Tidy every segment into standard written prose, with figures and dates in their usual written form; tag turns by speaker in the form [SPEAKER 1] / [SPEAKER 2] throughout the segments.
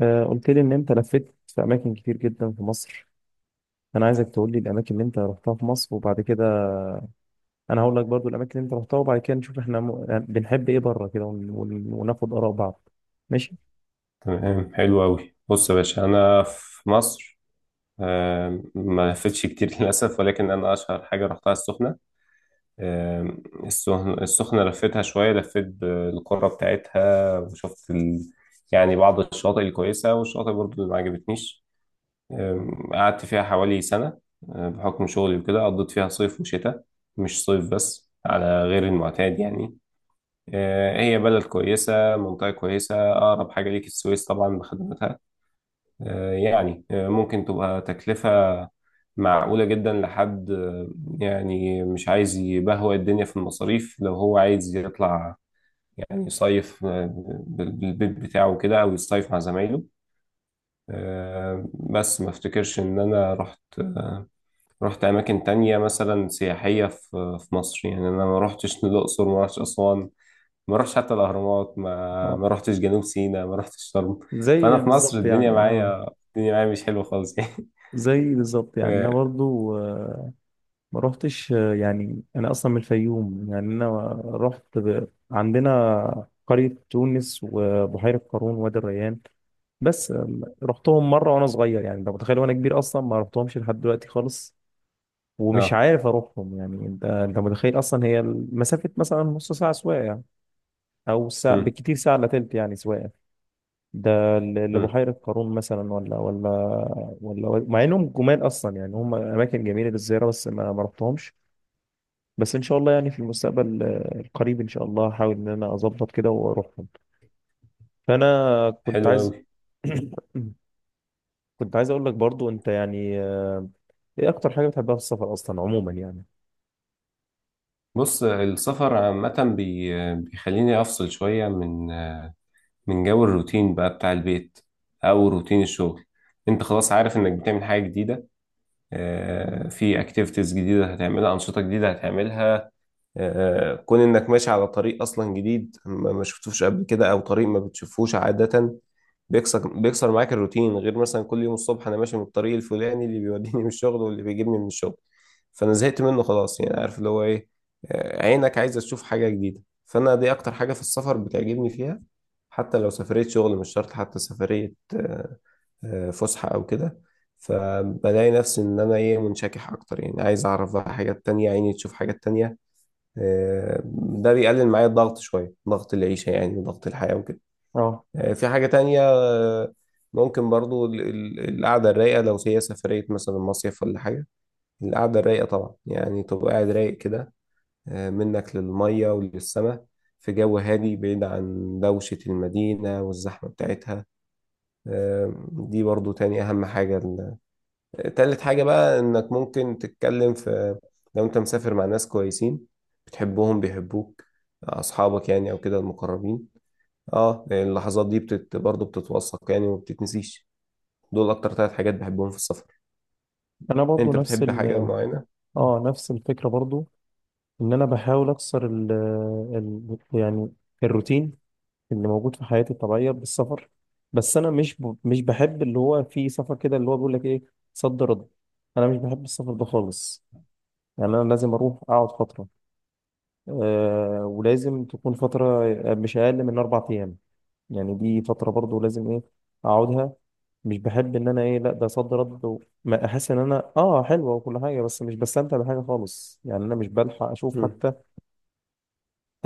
[SPEAKER 1] قلت لي ان انت لفيت في اماكن كتير جدا في مصر. انا عايزك تقول لي الاماكن اللي انت رحتها في مصر وبعد كده انا هقول لك برضو الاماكن اللي انت رحتها، وبعد كده نشوف احنا م... يعني بنحب ايه بره كده، وناخد اراء بعض. ماشي.
[SPEAKER 2] تمام، حلو أوي. بص يا باشا، أنا في مصر. ما لفتش كتير للأسف، ولكن أنا أشهر حاجة رحتها السخنة. آم، السخنة لفتها شوية، لفيت بالقرى بتاعتها وشفت يعني بعض الشواطئ الكويسة، والشواطئ برضو اللي ما عجبتنيش. قعدت فيها حوالي سنة. بحكم شغلي وكده قضيت فيها صيف وشتاء، مش صيف بس، على غير المعتاد يعني. هي بلد كويسة، منطقة كويسة، أقرب حاجة ليك السويس طبعا بخدماتها. يعني ممكن تبقى تكلفة معقولة جدا لحد، يعني مش عايز يبهوأ الدنيا في المصاريف لو هو عايز يطلع، يعني يصيف، بالبيت بتاعه كده، أو يصيف مع زمايله. بس ما افتكرش إن أنا رحت أماكن تانية مثلا سياحية في مصر، يعني أنا ما رحتش الأقصر، ما رحتش أسوان، ما رحتش حتى الأهرامات، ما
[SPEAKER 1] آه.
[SPEAKER 2] ما رحتش جنوب سيناء، ما رحتش شرم. فأنا
[SPEAKER 1] زي
[SPEAKER 2] في مصر
[SPEAKER 1] بالظبط
[SPEAKER 2] الدنيا
[SPEAKER 1] يعني اه
[SPEAKER 2] معايا الدنيا معايا مش حلوة خالص
[SPEAKER 1] زي بالظبط يعني انا
[SPEAKER 2] اه،
[SPEAKER 1] برضو ما روحتش آه، يعني انا اصلا من الفيوم، يعني انا رحت عندنا قرية تونس وبحيرة قارون وادي الريان. بس رحتهم مرة وانا صغير، يعني انت متخيل، وانا كبير اصلا ما رحتهمش لحد دلوقتي خالص، ومش
[SPEAKER 2] آه.
[SPEAKER 1] عارف اروحهم. يعني انت متخيل اصلا هي مسافة مثلا نص ساعة سواقة يعني، او ساعة
[SPEAKER 2] مم.
[SPEAKER 1] بالكتير، ساعة الا تلت يعني سواقة،
[SPEAKER 2] مم.
[SPEAKER 1] لبحيرة قارون مثلا، ولا ولا، مع انهم جمال اصلا، يعني هم اماكن جميلة للزيارة، بس ما رحتهمش. بس ان شاء الله يعني في المستقبل القريب ان شاء الله هحاول ان انا اظبط كده واروحهم. فانا كنت
[SPEAKER 2] حلو
[SPEAKER 1] عايز
[SPEAKER 2] قوي.
[SPEAKER 1] كنت عايز اقول لك برضو، انت يعني ايه اكتر حاجه بتحبها في السفر اصلا عموما يعني؟
[SPEAKER 2] بص، السفر عامة بيخليني أفصل شوية من جو الروتين بقى بتاع البيت، أو روتين الشغل. أنت خلاص عارف إنك بتعمل حاجة جديدة. في أكتيفيتيز جديدة هتعملها، أنشطة جديدة هتعملها. كون انك ماشي على طريق اصلا جديد ما شفتوش قبل كده، او طريق ما بتشوفوش عادة، بيكسر معاك الروتين، غير مثلا كل يوم الصبح انا ماشي من الطريق الفلاني اللي بيوديني من الشغل واللي بيجيبني من الشغل، فانا زهقت منه خلاص، يعني عارف اللي هو ايه. عينك عايزة تشوف حاجة جديدة، فانا دي اكتر حاجة في السفر بتعجبني فيها. حتى لو سفرية شغل، مش شرط حتى سفرية فسحة او كده. فبلاقي نفسي ان انا ايه، منشكح اكتر يعني، عايز اعرف بقى حاجات تانية، عيني تشوف حاجات تانية. آه، ده بيقلل معايا الضغط شوية، ضغط العيشة يعني وضغط الحياة وكده.
[SPEAKER 1] اه
[SPEAKER 2] في حاجة تانية. ممكن برضو القعدة الرايقة لو هي سفرية مثلا مصيف ولا حاجة. القعدة الرايقة طبعا، يعني تبقى قاعد رايق كده، منك للمية وللسماء، في جو هادي بعيد عن دوشة المدينة والزحمة بتاعتها. دي برضو تاني أهم حاجة. تالت حاجة بقى انك ممكن تتكلم في، لو انت مسافر مع ناس كويسين بتحبهم بيحبوك، اصحابك يعني او كده المقربين. اه، اللحظات دي برضه بتتوثق يعني ومبتتنسيش. دول اكتر ثلاث حاجات بحبهم في السفر.
[SPEAKER 1] انا برضو
[SPEAKER 2] انت
[SPEAKER 1] نفس
[SPEAKER 2] بتحب حاجة معينة؟ مم.
[SPEAKER 1] اه نفس الفكره برضو، ان انا بحاول اكسر ال آه، ال يعني الروتين اللي موجود في حياتي الطبيعيه بالسفر. بس انا مش بحب اللي هو في سفر كده اللي هو بيقول لك ايه، صد رد. انا مش بحب السفر ده خالص، يعني انا لازم اروح اقعد فتره ولازم تكون فترة مش أقل من 4 أيام. يعني دي فترة برضو لازم إيه، أقعدها. مش بحب إن أنا إيه، لأ ده صد رد ما أحس إن أنا آه حلوة وكل حاجة، بس مش بستمتع بحاجة خالص، يعني أنا مش بلحق أشوف
[SPEAKER 2] مم.
[SPEAKER 1] حتى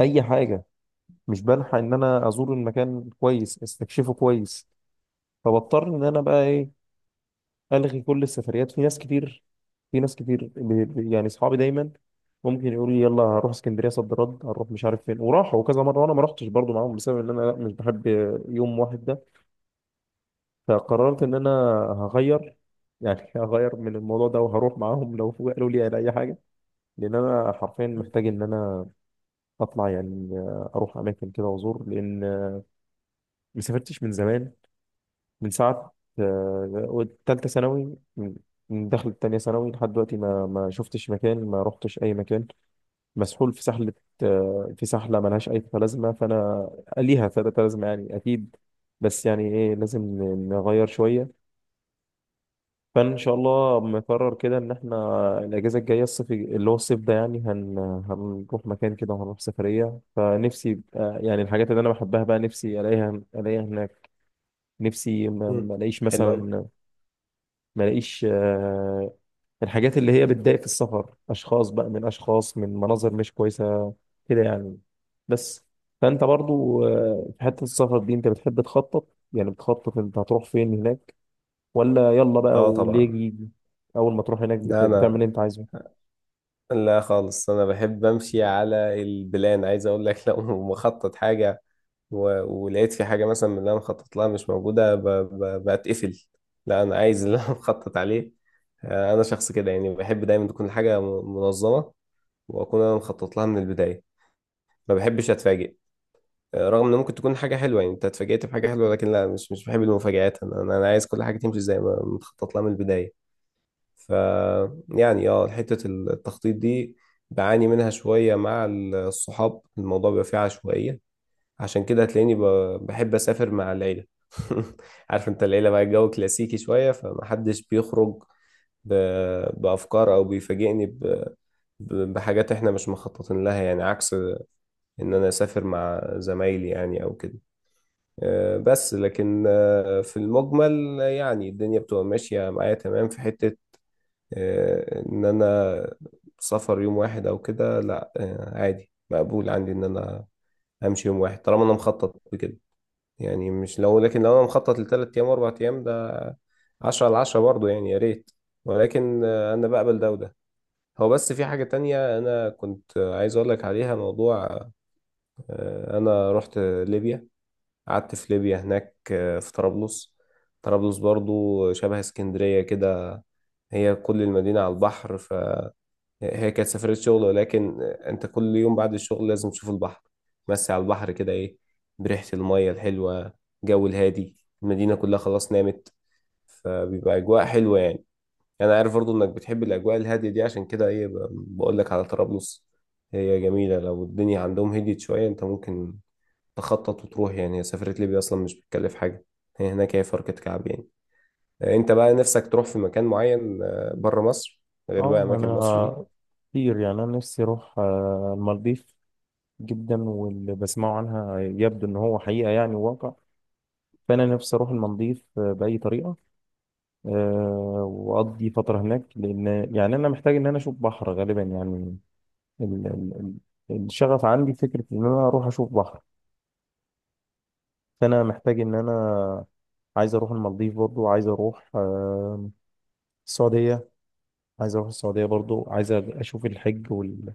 [SPEAKER 1] أي حاجة، مش بلحق إن أنا أزور المكان كويس، أستكشفه كويس. فبضطر إن أنا بقى إيه، الغي كل السفريات. في ناس كتير، يعني اصحابي دايما ممكن يقولوا لي يلا هروح اسكندريه صد رد، هروح مش عارف فين، وراحوا كذا مره وانا ما رحتش برضو معاهم، بسبب ان انا لا، مش بحب يوم واحد ده. فقررت ان انا هغير، يعني هغير من الموضوع ده، وهروح معاهم لو قالوا لي على اي حاجه، لان انا حرفيا محتاج ان انا اطلع، يعني اروح اماكن كده وازور، لان ما سافرتش من زمان، من ساعة تالتة ثانوي، من دخلة تانية ثانوي لحد دلوقتي ما شفتش مكان، ما رحتش أي مكان. مسحول في سحلة في سحلة ملهاش أي لازمة، فأنا ليها تلاتة لازمة يعني أكيد، بس يعني إيه لازم نغير شوية. فإن شاء الله مقرر كده إن إحنا الأجازة الجاية، الصيف اللي هو الصيف ده، يعني هنروح مكان كده وهنروح سفرية. فنفسي يعني الحاجات اللي أنا بحبها بقى، نفسي ألاقيها هناك. نفسي ما
[SPEAKER 2] مم.
[SPEAKER 1] ما الاقيش
[SPEAKER 2] حلو قوي.
[SPEAKER 1] مثلا، ما الاقيش آه، الحاجات اللي هي بتضايق في السفر، اشخاص بقى، من اشخاص، من مناظر مش كويسه كده يعني، بس. فانت برضو في حته السفر دي، انت بتحب تخطط؟ يعني بتخطط انت هتروح فين هناك، ولا يلا بقى
[SPEAKER 2] اه
[SPEAKER 1] واللي يجي
[SPEAKER 2] طبعا.
[SPEAKER 1] يجي؟ اول ما تروح هناك
[SPEAKER 2] لا
[SPEAKER 1] بتعمل اللي
[SPEAKER 2] انا،
[SPEAKER 1] انت عايزه؟
[SPEAKER 2] لا خالص، انا بحب امشي على البلان. عايز اقول لك، لو مخطط حاجة ولقيت في حاجة مثلا من اللي أنا مخطط لها مش موجودة، بتقفل. لا، أنا عايز اللي أنا مخطط عليه. أنا شخص كده يعني، بحب دايما تكون الحاجة منظمة، وأكون أنا مخطط لها من البداية. ما بحبش أتفاجئ. رغم إن ممكن تكون حاجة حلوة يعني، أنت اتفاجئت بحاجة حلوة، لكن لا، مش بحب المفاجآت. أنا عايز كل حاجة تمشي زي ما متخطط لها من البداية. ف يعني اه، حتة التخطيط دي بعاني منها شوية، مع الصحاب الموضوع بيبقى فيه عشوائية. عشان كده هتلاقيني بحب اسافر مع العيله. عارف انت العيله بقى، الجو كلاسيكي شويه، فمحدش بيخرج بافكار او بيفاجئني بحاجات احنا مش مخططين لها، يعني عكس ان انا اسافر مع زمايلي، يعني او كده. بس لكن في المجمل يعني الدنيا بتبقى ماشيه معايا تمام، في حته ان انا سفر يوم واحد او كده، لا عادي مقبول عندي ان انا امشي يوم واحد طالما انا مخطط بكده. يعني مش لو، لكن لو انا مخطط ل3 ايام و4 ايام، ده 10/10 برضه يعني، يا ريت. ولكن انا بقبل ده وده. هو بس في حاجة تانية انا كنت عايز اقول لك عليها، موضوع انا رحت ليبيا. قعدت في ليبيا هناك، في طرابلس. طرابلس برضه شبه اسكندرية كده، هي كل المدينة على البحر. هي كانت سفرية شغل، ولكن أنت كل يوم بعد الشغل لازم تشوف البحر، تمسي على البحر كده إيه، بريحة المية الحلوة، جو الهادي، المدينة كلها خلاص نامت، فبيبقى أجواء حلوة يعني. أنا عارف برضو إنك بتحب الأجواء الهادية دي، عشان كده إيه بقولك على طرابلس. هي جميلة، لو الدنيا عندهم هديت شوية أنت ممكن تخطط وتروح، يعني هي سفرية ليبيا أصلا مش بتكلف حاجة، هي هناك هي فرقة كعب يعني. أنت بقى نفسك تروح في مكان معين بره مصر، غير بقى
[SPEAKER 1] اه
[SPEAKER 2] أماكن مصر دي.
[SPEAKER 1] انا كتير يعني، انا نفسي اروح المالديف جدا، واللي بسمعه عنها يبدو ان هو حقيقة يعني، واقع. فانا نفسي اروح المالديف باي طريقة واقضي فتره هناك، لان يعني انا محتاج ان انا اشوف بحر غالبا يعني. ال... ال... الشغف عندي فكره ان انا اروح اشوف بحر. فانا محتاج ان انا عايز اروح المالديف، برضو عايز اروح السعوديه. عايز اروح السعوديه، برضو عايز اشوف الحج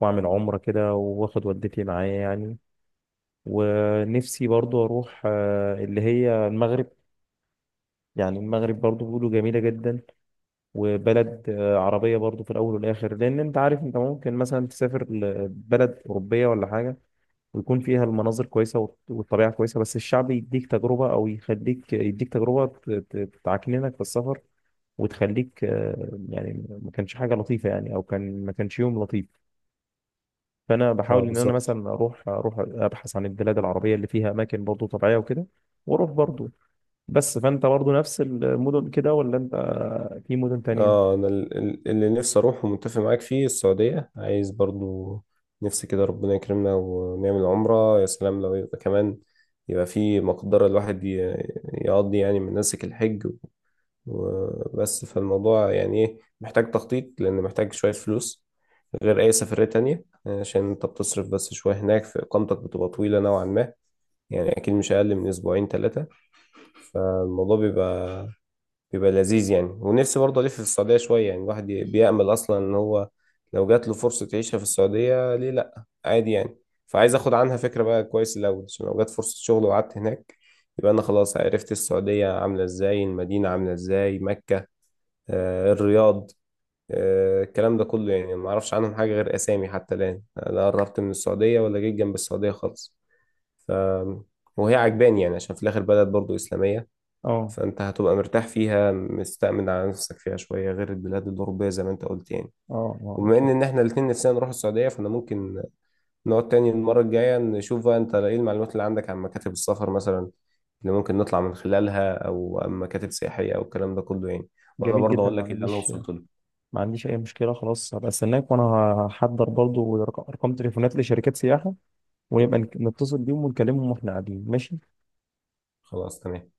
[SPEAKER 1] واعمل عمره كده، واخد والدتي معايا يعني. ونفسي برضو اروح اللي هي المغرب، يعني المغرب برضو بيقولوا جميله جدا. وبلد عربية برضو في الأول والآخر، لأن أنت عارف أنت ممكن مثلا تسافر لبلد أوروبية ولا حاجة، ويكون فيها المناظر كويسة والطبيعة كويسة، بس الشعب يديك تجربة، أو يخليك يديك تجربة تعكننك في السفر، وتخليك يعني ما كانش حاجة لطيفة، يعني أو ما كانش يوم لطيف. فأنا
[SPEAKER 2] اه
[SPEAKER 1] بحاول إن أنا
[SPEAKER 2] بالظبط.
[SPEAKER 1] مثلا أروح أبحث عن البلاد العربية اللي فيها أماكن برضو طبيعية وكده، وأروح برضو. بس فأنت برضو نفس المدن كده، ولا أنت في مدن تانية؟
[SPEAKER 2] اه انا اللي نفسي اروح ومتفق معاك فيه السعودية، عايز برضو، نفسي كده ربنا يكرمنا ونعمل عمرة، يا سلام لو يبقى كمان يبقى في مقدرة الواحد يقضي يعني مناسك الحج وبس. فالموضوع يعني ايه، محتاج تخطيط لان محتاج شوية فلوس غير اي سفرية تانية، عشان انت بتصرف بس شوية هناك، في اقامتك بتبقى طويلة نوعا ما، يعني اكيد مش اقل من اسبوعين ثلاثة. فالموضوع بيبقى لذيذ يعني. ونفسي برضه ألف في السعودية شوية يعني، الواحد بيأمل أصلا إن هو لو جات له فرصة يعيشها في السعودية ليه لأ، عادي يعني. فعايز أخد عنها فكرة بقى كويس الأول، عشان لو جات فرصة شغل وقعدت هناك يبقى أنا خلاص عرفت السعودية عاملة إزاي، المدينة عاملة إزاي، مكة، الرياض، الكلام ده كله يعني. ما أعرفش عنهم حاجة غير أسامي، حتى الآن لا قربت من السعودية ولا جيت جنب السعودية خالص. ف... وهي عجباني يعني، عشان في الآخر بلد برضه إسلامية،
[SPEAKER 1] اه
[SPEAKER 2] فأنت هتبقى مرتاح فيها، مستأمن على نفسك فيها شوية، غير البلاد الأوروبية زي ما أنت قلت يعني.
[SPEAKER 1] اه اه
[SPEAKER 2] وبما إن
[SPEAKER 1] اكيد،
[SPEAKER 2] إن إحنا الاتنين نفسنا نروح السعودية، فأنا ممكن نقعد تاني المرة الجاية، نشوف بقى أنت إيه المعلومات اللي عندك عن مكاتب السفر مثلا، اللي ممكن نطلع من خلالها، أو مكاتب سياحية، أو الكلام ده كله يعني. وأنا
[SPEAKER 1] جميل
[SPEAKER 2] برضه
[SPEAKER 1] جدا،
[SPEAKER 2] أقول
[SPEAKER 1] ما
[SPEAKER 2] لك إيه اللي أنا
[SPEAKER 1] عنديش.
[SPEAKER 2] وصلت له.
[SPEAKER 1] ما عنديش اي مشكله، خلاص هبقى استناك، وانا هحضر برضو ارقام تليفونات لشركات سياحه، ونبقى نتصل بيهم ونكلمهم واحنا قاعدين. ماشي.
[SPEAKER 2] خلاص تمام.